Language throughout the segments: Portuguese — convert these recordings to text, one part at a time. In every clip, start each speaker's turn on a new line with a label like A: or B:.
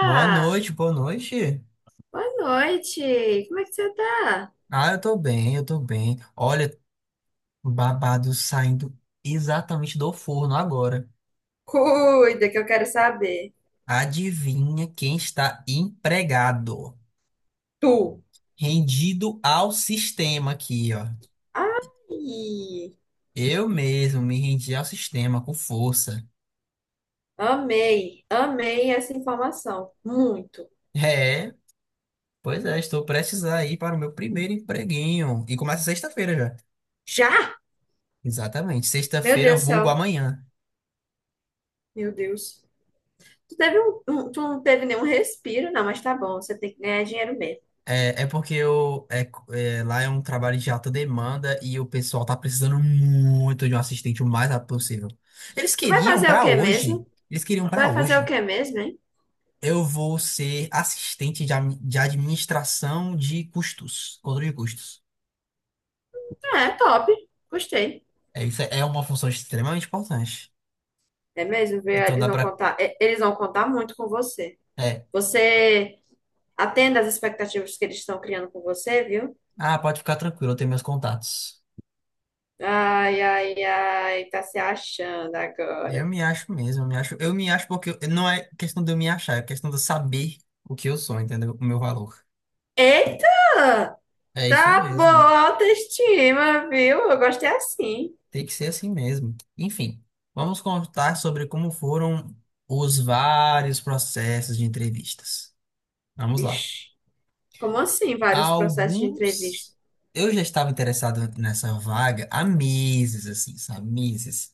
A: Boa noite, boa noite.
B: Boa noite! Como é que você tá?
A: Ah, eu tô bem, eu tô bem. Olha, o babado saindo exatamente do forno agora.
B: Cuida, que eu quero saber.
A: Adivinha quem está empregado?
B: Tu.
A: Rendido ao sistema aqui, ó.
B: Ai!
A: Eu mesmo me rendi ao sistema com força.
B: Amei, amei essa informação. Muito.
A: É, pois é, estou prestes a ir para o meu primeiro empreguinho. E começa sexta-feira já.
B: Já?
A: Exatamente,
B: Meu
A: sexta-feira,
B: Deus do
A: vulgo
B: céu.
A: amanhã.
B: Meu Deus. Tu não teve nenhum respiro, não, mas tá bom, você tem que ganhar dinheiro mesmo.
A: É, é porque lá é um trabalho de alta demanda e o pessoal tá precisando muito de um assistente o mais rápido possível. Eles
B: Tu vai
A: queriam
B: fazer o
A: pra
B: que mesmo?
A: hoje, eles queriam
B: Tu
A: pra
B: vai fazer o
A: hoje.
B: que mesmo, hein?
A: Eu vou ser assistente de administração de custos, controle de custos.
B: Ah, é top. Gostei.
A: É, isso é uma função extremamente importante.
B: É mesmo, viu?
A: Então
B: Eles
A: dá
B: vão
A: pra.
B: contar, é, eles vão contar muito com você.
A: É.
B: Você Atenda às expectativas que eles estão criando com você, viu?
A: Ah, pode ficar tranquilo, eu tenho meus contatos.
B: Ai, ai, ai, tá se achando
A: Eu
B: agora.
A: me acho mesmo, eu me acho. Eu me acho porque não é questão de eu me achar, é questão de eu saber o que eu sou, entendeu? O meu valor.
B: Eita!
A: É isso
B: Tá boa
A: mesmo.
B: a autoestima, viu? Eu gostei assim.
A: Tem que ser assim mesmo. Enfim, vamos contar sobre como foram os vários processos de entrevistas. Vamos lá.
B: Vixe, como assim vários processos de entrevista?
A: Alguns eu já estava interessado nessa vaga há meses, assim, sabe? Meses.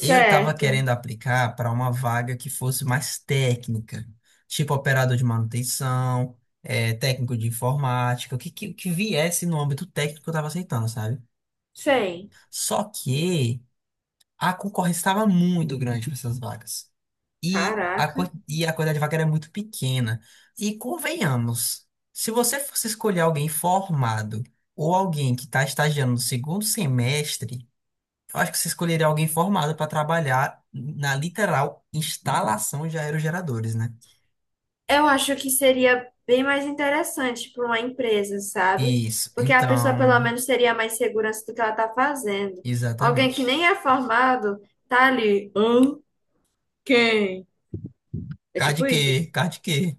A: Eu estava querendo aplicar para uma vaga que fosse mais técnica, tipo operador de manutenção, técnico de informática, o que viesse no âmbito técnico eu estava aceitando, sabe?
B: sei.
A: Só que a concorrência estava muito grande para essas vagas. E a,
B: Caraca.
A: quan- e a quantidade de vaga era muito pequena. E convenhamos, se você fosse escolher alguém formado ou alguém que está estagiando no segundo semestre, eu acho que você escolheria alguém formado para trabalhar na literal instalação de aerogeradores, né?
B: Eu acho que seria bem mais interessante para uma empresa, sabe?
A: Isso.
B: Porque a pessoa pelo
A: Então,
B: menos teria mais segurança do que ela tá fazendo. Alguém que
A: exatamente.
B: nem é formado tá ali. "Hã? Quem? É
A: Card
B: tipo
A: que,
B: isso.
A: card que.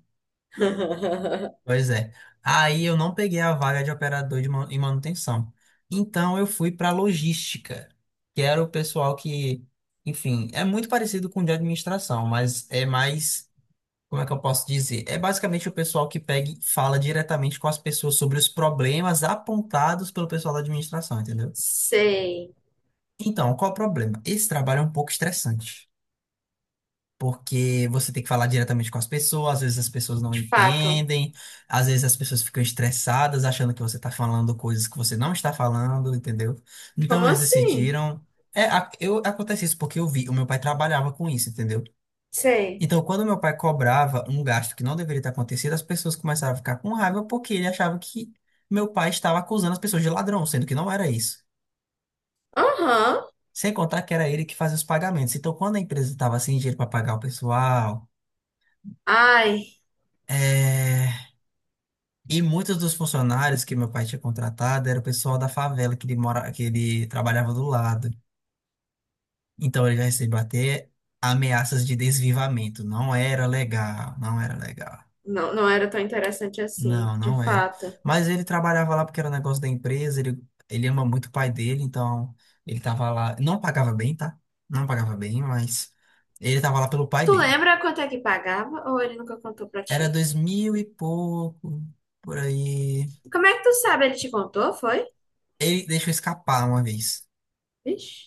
A: Pois é. Aí eu não peguei a vaga de operador de manutenção. Então eu fui para logística, que era o pessoal que, enfim, é muito parecido com o de administração, mas é mais, como é que eu posso dizer? É basicamente o pessoal que pega e fala diretamente com as pessoas sobre os problemas apontados pelo pessoal da administração, entendeu?
B: Sei.
A: Então, qual o problema? Esse trabalho é um pouco estressante, porque você tem que falar diretamente com as pessoas, às vezes as pessoas não
B: De fato.
A: entendem, às vezes as pessoas ficam estressadas achando que você está falando coisas que você não está falando, entendeu? Então
B: Como
A: eles
B: assim?
A: decidiram. É, eu, acontece isso porque eu vi, o meu pai trabalhava com isso, entendeu?
B: Sei.
A: Então, quando meu pai cobrava um gasto que não deveria ter acontecido, as pessoas começaram a ficar com raiva porque ele achava que meu pai estava acusando as pessoas de ladrão, sendo que não era isso.
B: Aham.
A: Sem contar que era ele que fazia os pagamentos. Então, quando a empresa estava sem dinheiro para pagar o pessoal,
B: Ai,
A: é, E muitos dos funcionários que meu pai tinha contratado era o pessoal da favela que ele mora, que ele trabalhava do lado. Então ele já recebeu até ameaças de desvivamento. Não era legal, não era legal.
B: não, não era tão interessante assim,
A: Não,
B: de
A: não era.
B: fato.
A: Mas ele trabalhava lá porque era um negócio da empresa, ele ama muito o pai dele, então ele tava lá. Não pagava bem, tá? Não pagava bem, mas ele tava lá pelo pai
B: Tu
A: dele.
B: lembra quanto é que pagava ou ele nunca contou pra
A: Era
B: ti?
A: dois mil e pouco, por aí.
B: Como é que tu sabe? Ele te contou, foi?
A: Ele deixou escapar uma vez.
B: Ixi.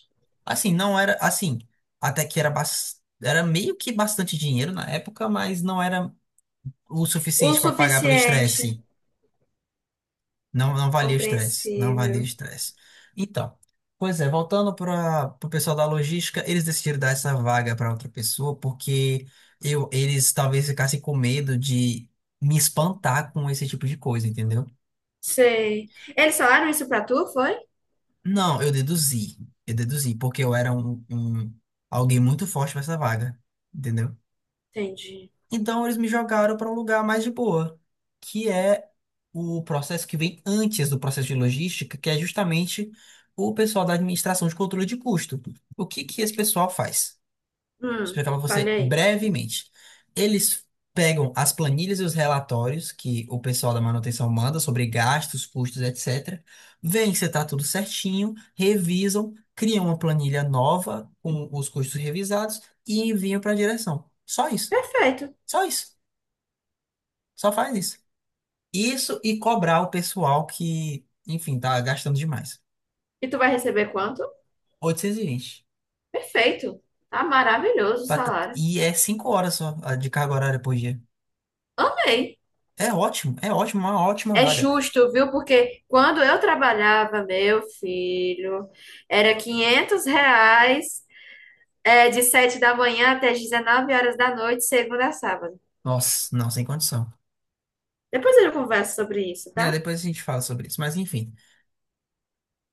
A: Assim, não era, assim, até que era, era meio que bastante dinheiro na época, mas não era o
B: O
A: suficiente para pagar pelo
B: suficiente.
A: estresse. Não, não valia o estresse, não valia o
B: Compreensível.
A: estresse. Então, pois é, voltando para o pessoal da logística, eles decidiram dar essa vaga para outra pessoa porque eles talvez ficassem com medo de me espantar com esse tipo de coisa, entendeu?
B: Sei. Eles falaram isso pra tu, foi?
A: Não, eu deduzi, porque eu era alguém muito forte para essa vaga, entendeu?
B: Entendi.
A: Então eles me jogaram para um lugar mais de boa, que é o processo que vem antes do processo de logística, que é justamente o pessoal da administração de controle de custo. O que que esse pessoal faz? Vou
B: Hum,
A: explicar para você
B: falei.
A: brevemente. Eles pegam as planilhas e os relatórios que o pessoal da manutenção manda sobre gastos, custos, etc. Vêem se está tudo certinho, revisam, criam uma planilha nova com os custos revisados e enviam para a direção. Só isso.
B: Perfeito.
A: Só isso. Só faz isso. Isso e cobrar o pessoal que, enfim, tá gastando demais.
B: E tu vai receber quanto?
A: 820.
B: Perfeito. Tá maravilhoso o salário.
A: E é 5 horas só a de carga horária por dia.
B: Amei.
A: É ótimo, uma ótima
B: É
A: vaga.
B: justo, viu? Porque quando eu trabalhava, meu filho, era 500 reais, é, de 7 da manhã até as 19 horas da noite, segunda a sábado.
A: Nossa, não, sem condição.
B: Depois eu converso sobre isso,
A: É,
B: tá?
A: depois a gente fala sobre isso, mas enfim.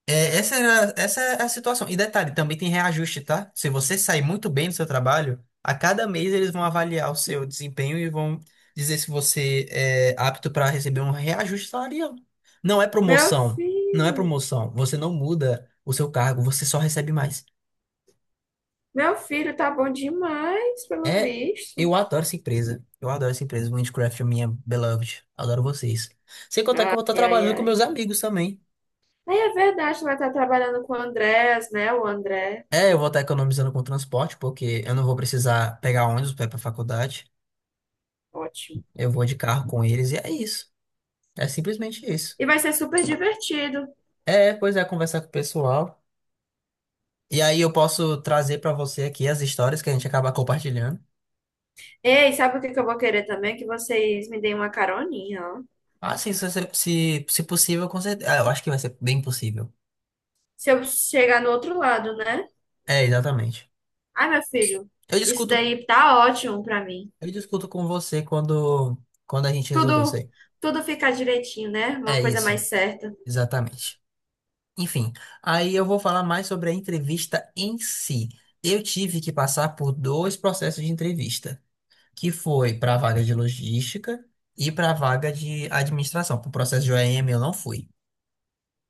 A: É, essa era, essa é a situação. E detalhe, também tem reajuste, tá? Se você sair muito bem do seu trabalho, a cada mês eles vão avaliar o seu desempenho e vão dizer se você é apto para receber um reajuste salarial. Não é
B: Meu
A: promoção, não é
B: filho,
A: promoção. Você não muda o seu cargo, você só recebe mais.
B: meu filho tá bom demais, pelo
A: É,
B: visto.
A: eu adoro essa empresa. Eu adoro essa empresa. Minecraft, minha beloved. Adoro vocês. Sem contar que eu vou estar
B: Ai, ai,
A: trabalhando com
B: ai.
A: meus amigos também.
B: Aí é verdade, vai estar trabalhando com o Andrés, né? O André.
A: É, eu vou estar economizando com transporte, porque eu não vou precisar pegar ônibus para ir para faculdade.
B: Ótimo.
A: Eu vou de carro com eles e é isso. É simplesmente isso.
B: E vai ser super divertido.
A: É, pois é, conversar com o pessoal. E aí eu posso trazer para você aqui as histórias que a gente acaba compartilhando.
B: Ei, sabe o que que eu vou querer também? Que vocês me deem uma caroninha, ó.
A: Ah, sim, se possível, com certeza. Ah, eu acho que vai ser bem possível.
B: Se eu chegar no outro lado, né?
A: É, exatamente.
B: Ai, meu filho,
A: Eu
B: isso
A: discuto,
B: daí tá ótimo pra mim.
A: eu discuto com você quando a gente resolver isso
B: Tudo,
A: aí.
B: tudo fica direitinho, né? Uma
A: É
B: coisa
A: isso,
B: mais certa.
A: exatamente. Enfim, aí eu vou falar mais sobre a entrevista em si. Eu tive que passar por dois processos de entrevista, que foi para a vaga de logística e para a vaga de administração. Para o processo de OEM eu não fui,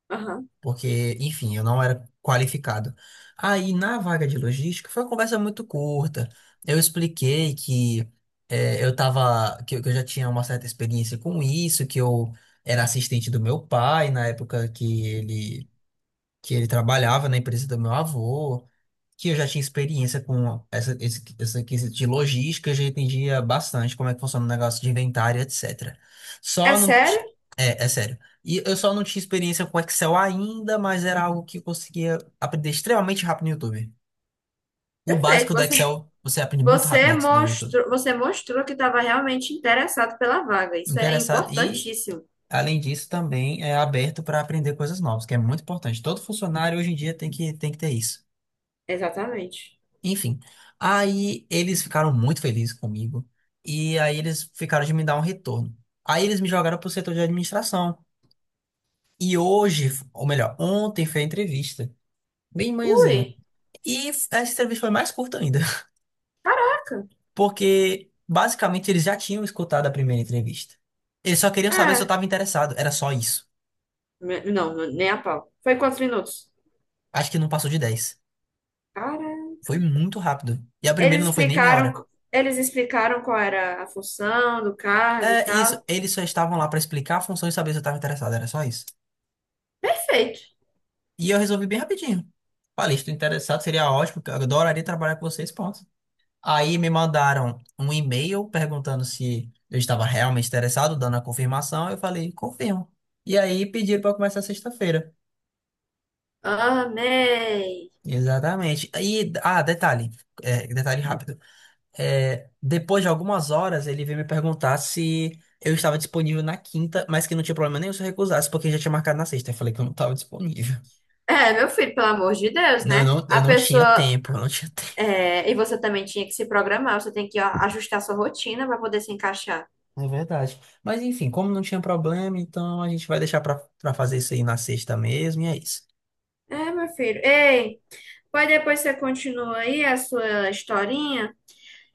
B: Aham.
A: porque, enfim, eu não era qualificado. Aí na vaga de logística foi uma conversa muito curta. Eu expliquei que eh, eu tava, que eu já tinha uma certa experiência com isso, que eu era assistente do meu pai na época que ele trabalhava na empresa do meu avô, que eu já tinha experiência com essa quesito de logística, eu já entendia bastante como é que funciona o negócio de inventário, etc.
B: É
A: Só não.
B: sério?
A: É, é sério. E eu só não tinha experiência com Excel ainda, mas era algo que eu conseguia aprender extremamente rápido no YouTube. O
B: Perfeito.
A: básico do
B: Você,
A: Excel você aprende muito rápido no
B: você
A: Ex- no YouTube.
B: mostrou, você mostrou que estava realmente interessado pela vaga. Isso é
A: Interessado. E,
B: importantíssimo.
A: além disso, também é aberto para aprender coisas novas, que é muito importante. Todo funcionário hoje em dia tem que ter isso.
B: Exatamente.
A: Enfim, aí eles ficaram muito felizes comigo e aí eles ficaram de me dar um retorno. Aí eles me jogaram pro setor de administração. E hoje, ou melhor, ontem foi a entrevista, bem manhãzinha.
B: Ui,
A: E essa entrevista foi mais curta ainda,
B: caraca.
A: porque basicamente eles já tinham escutado a primeira entrevista. Eles só queriam saber se eu
B: É.
A: estava interessado, era só isso.
B: Não, nem a pau. Foi quantos minutos?
A: Acho que não passou de 10. Foi
B: Caraca.
A: muito rápido. E a primeira
B: Eles
A: não foi nem meia
B: explicaram,
A: hora.
B: eles explicaram qual era a função do cargo
A: É
B: e
A: isso,
B: tal.
A: eles só estavam lá para explicar a função e saber se eu estava interessado, era só isso.
B: Perfeito.
A: E eu resolvi bem rapidinho. Falei, estou interessado, seria ótimo, eu adoraria trabalhar com vocês, ponto. Aí me mandaram um e-mail perguntando se eu estava realmente interessado, dando a confirmação. Eu falei, confirmo. E aí pediram para começar sexta-feira.
B: Amei.
A: Exatamente. E, ah, detalhe, detalhe rápido. É, depois de algumas horas, ele veio me perguntar se eu estava disponível na quinta, mas que não tinha problema nenhum se eu recusasse, porque já tinha marcado na sexta. Eu falei que eu não estava disponível.
B: É, meu filho, pelo amor de Deus,
A: Não, eu
B: né?
A: não,
B: A
A: eu não tinha
B: pessoa.
A: tempo, eu não tinha
B: É, e você também tinha que se programar, você tem que ó, ajustar sua rotina para poder se encaixar.
A: É verdade. Mas enfim, como não tinha problema, então a gente vai deixar pra fazer isso aí na sexta mesmo, e é isso.
B: É, meu filho. Ei, pode depois você continua aí a sua historinha?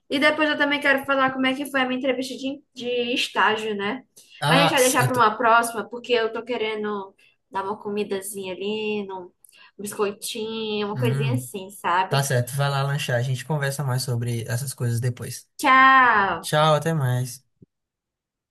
B: E depois eu também quero falar como é que foi a minha entrevista de estágio, né? Mas a gente
A: Ah,
B: vai deixar
A: eu
B: para
A: tô.
B: uma próxima, porque eu tô querendo dar uma comidazinha ali, um biscoitinho, uma coisinha
A: Hum,
B: assim,
A: tá
B: sabe?
A: certo, vai lá lanchar. A gente conversa mais sobre essas coisas depois.
B: Tchau!
A: Tchau, até mais.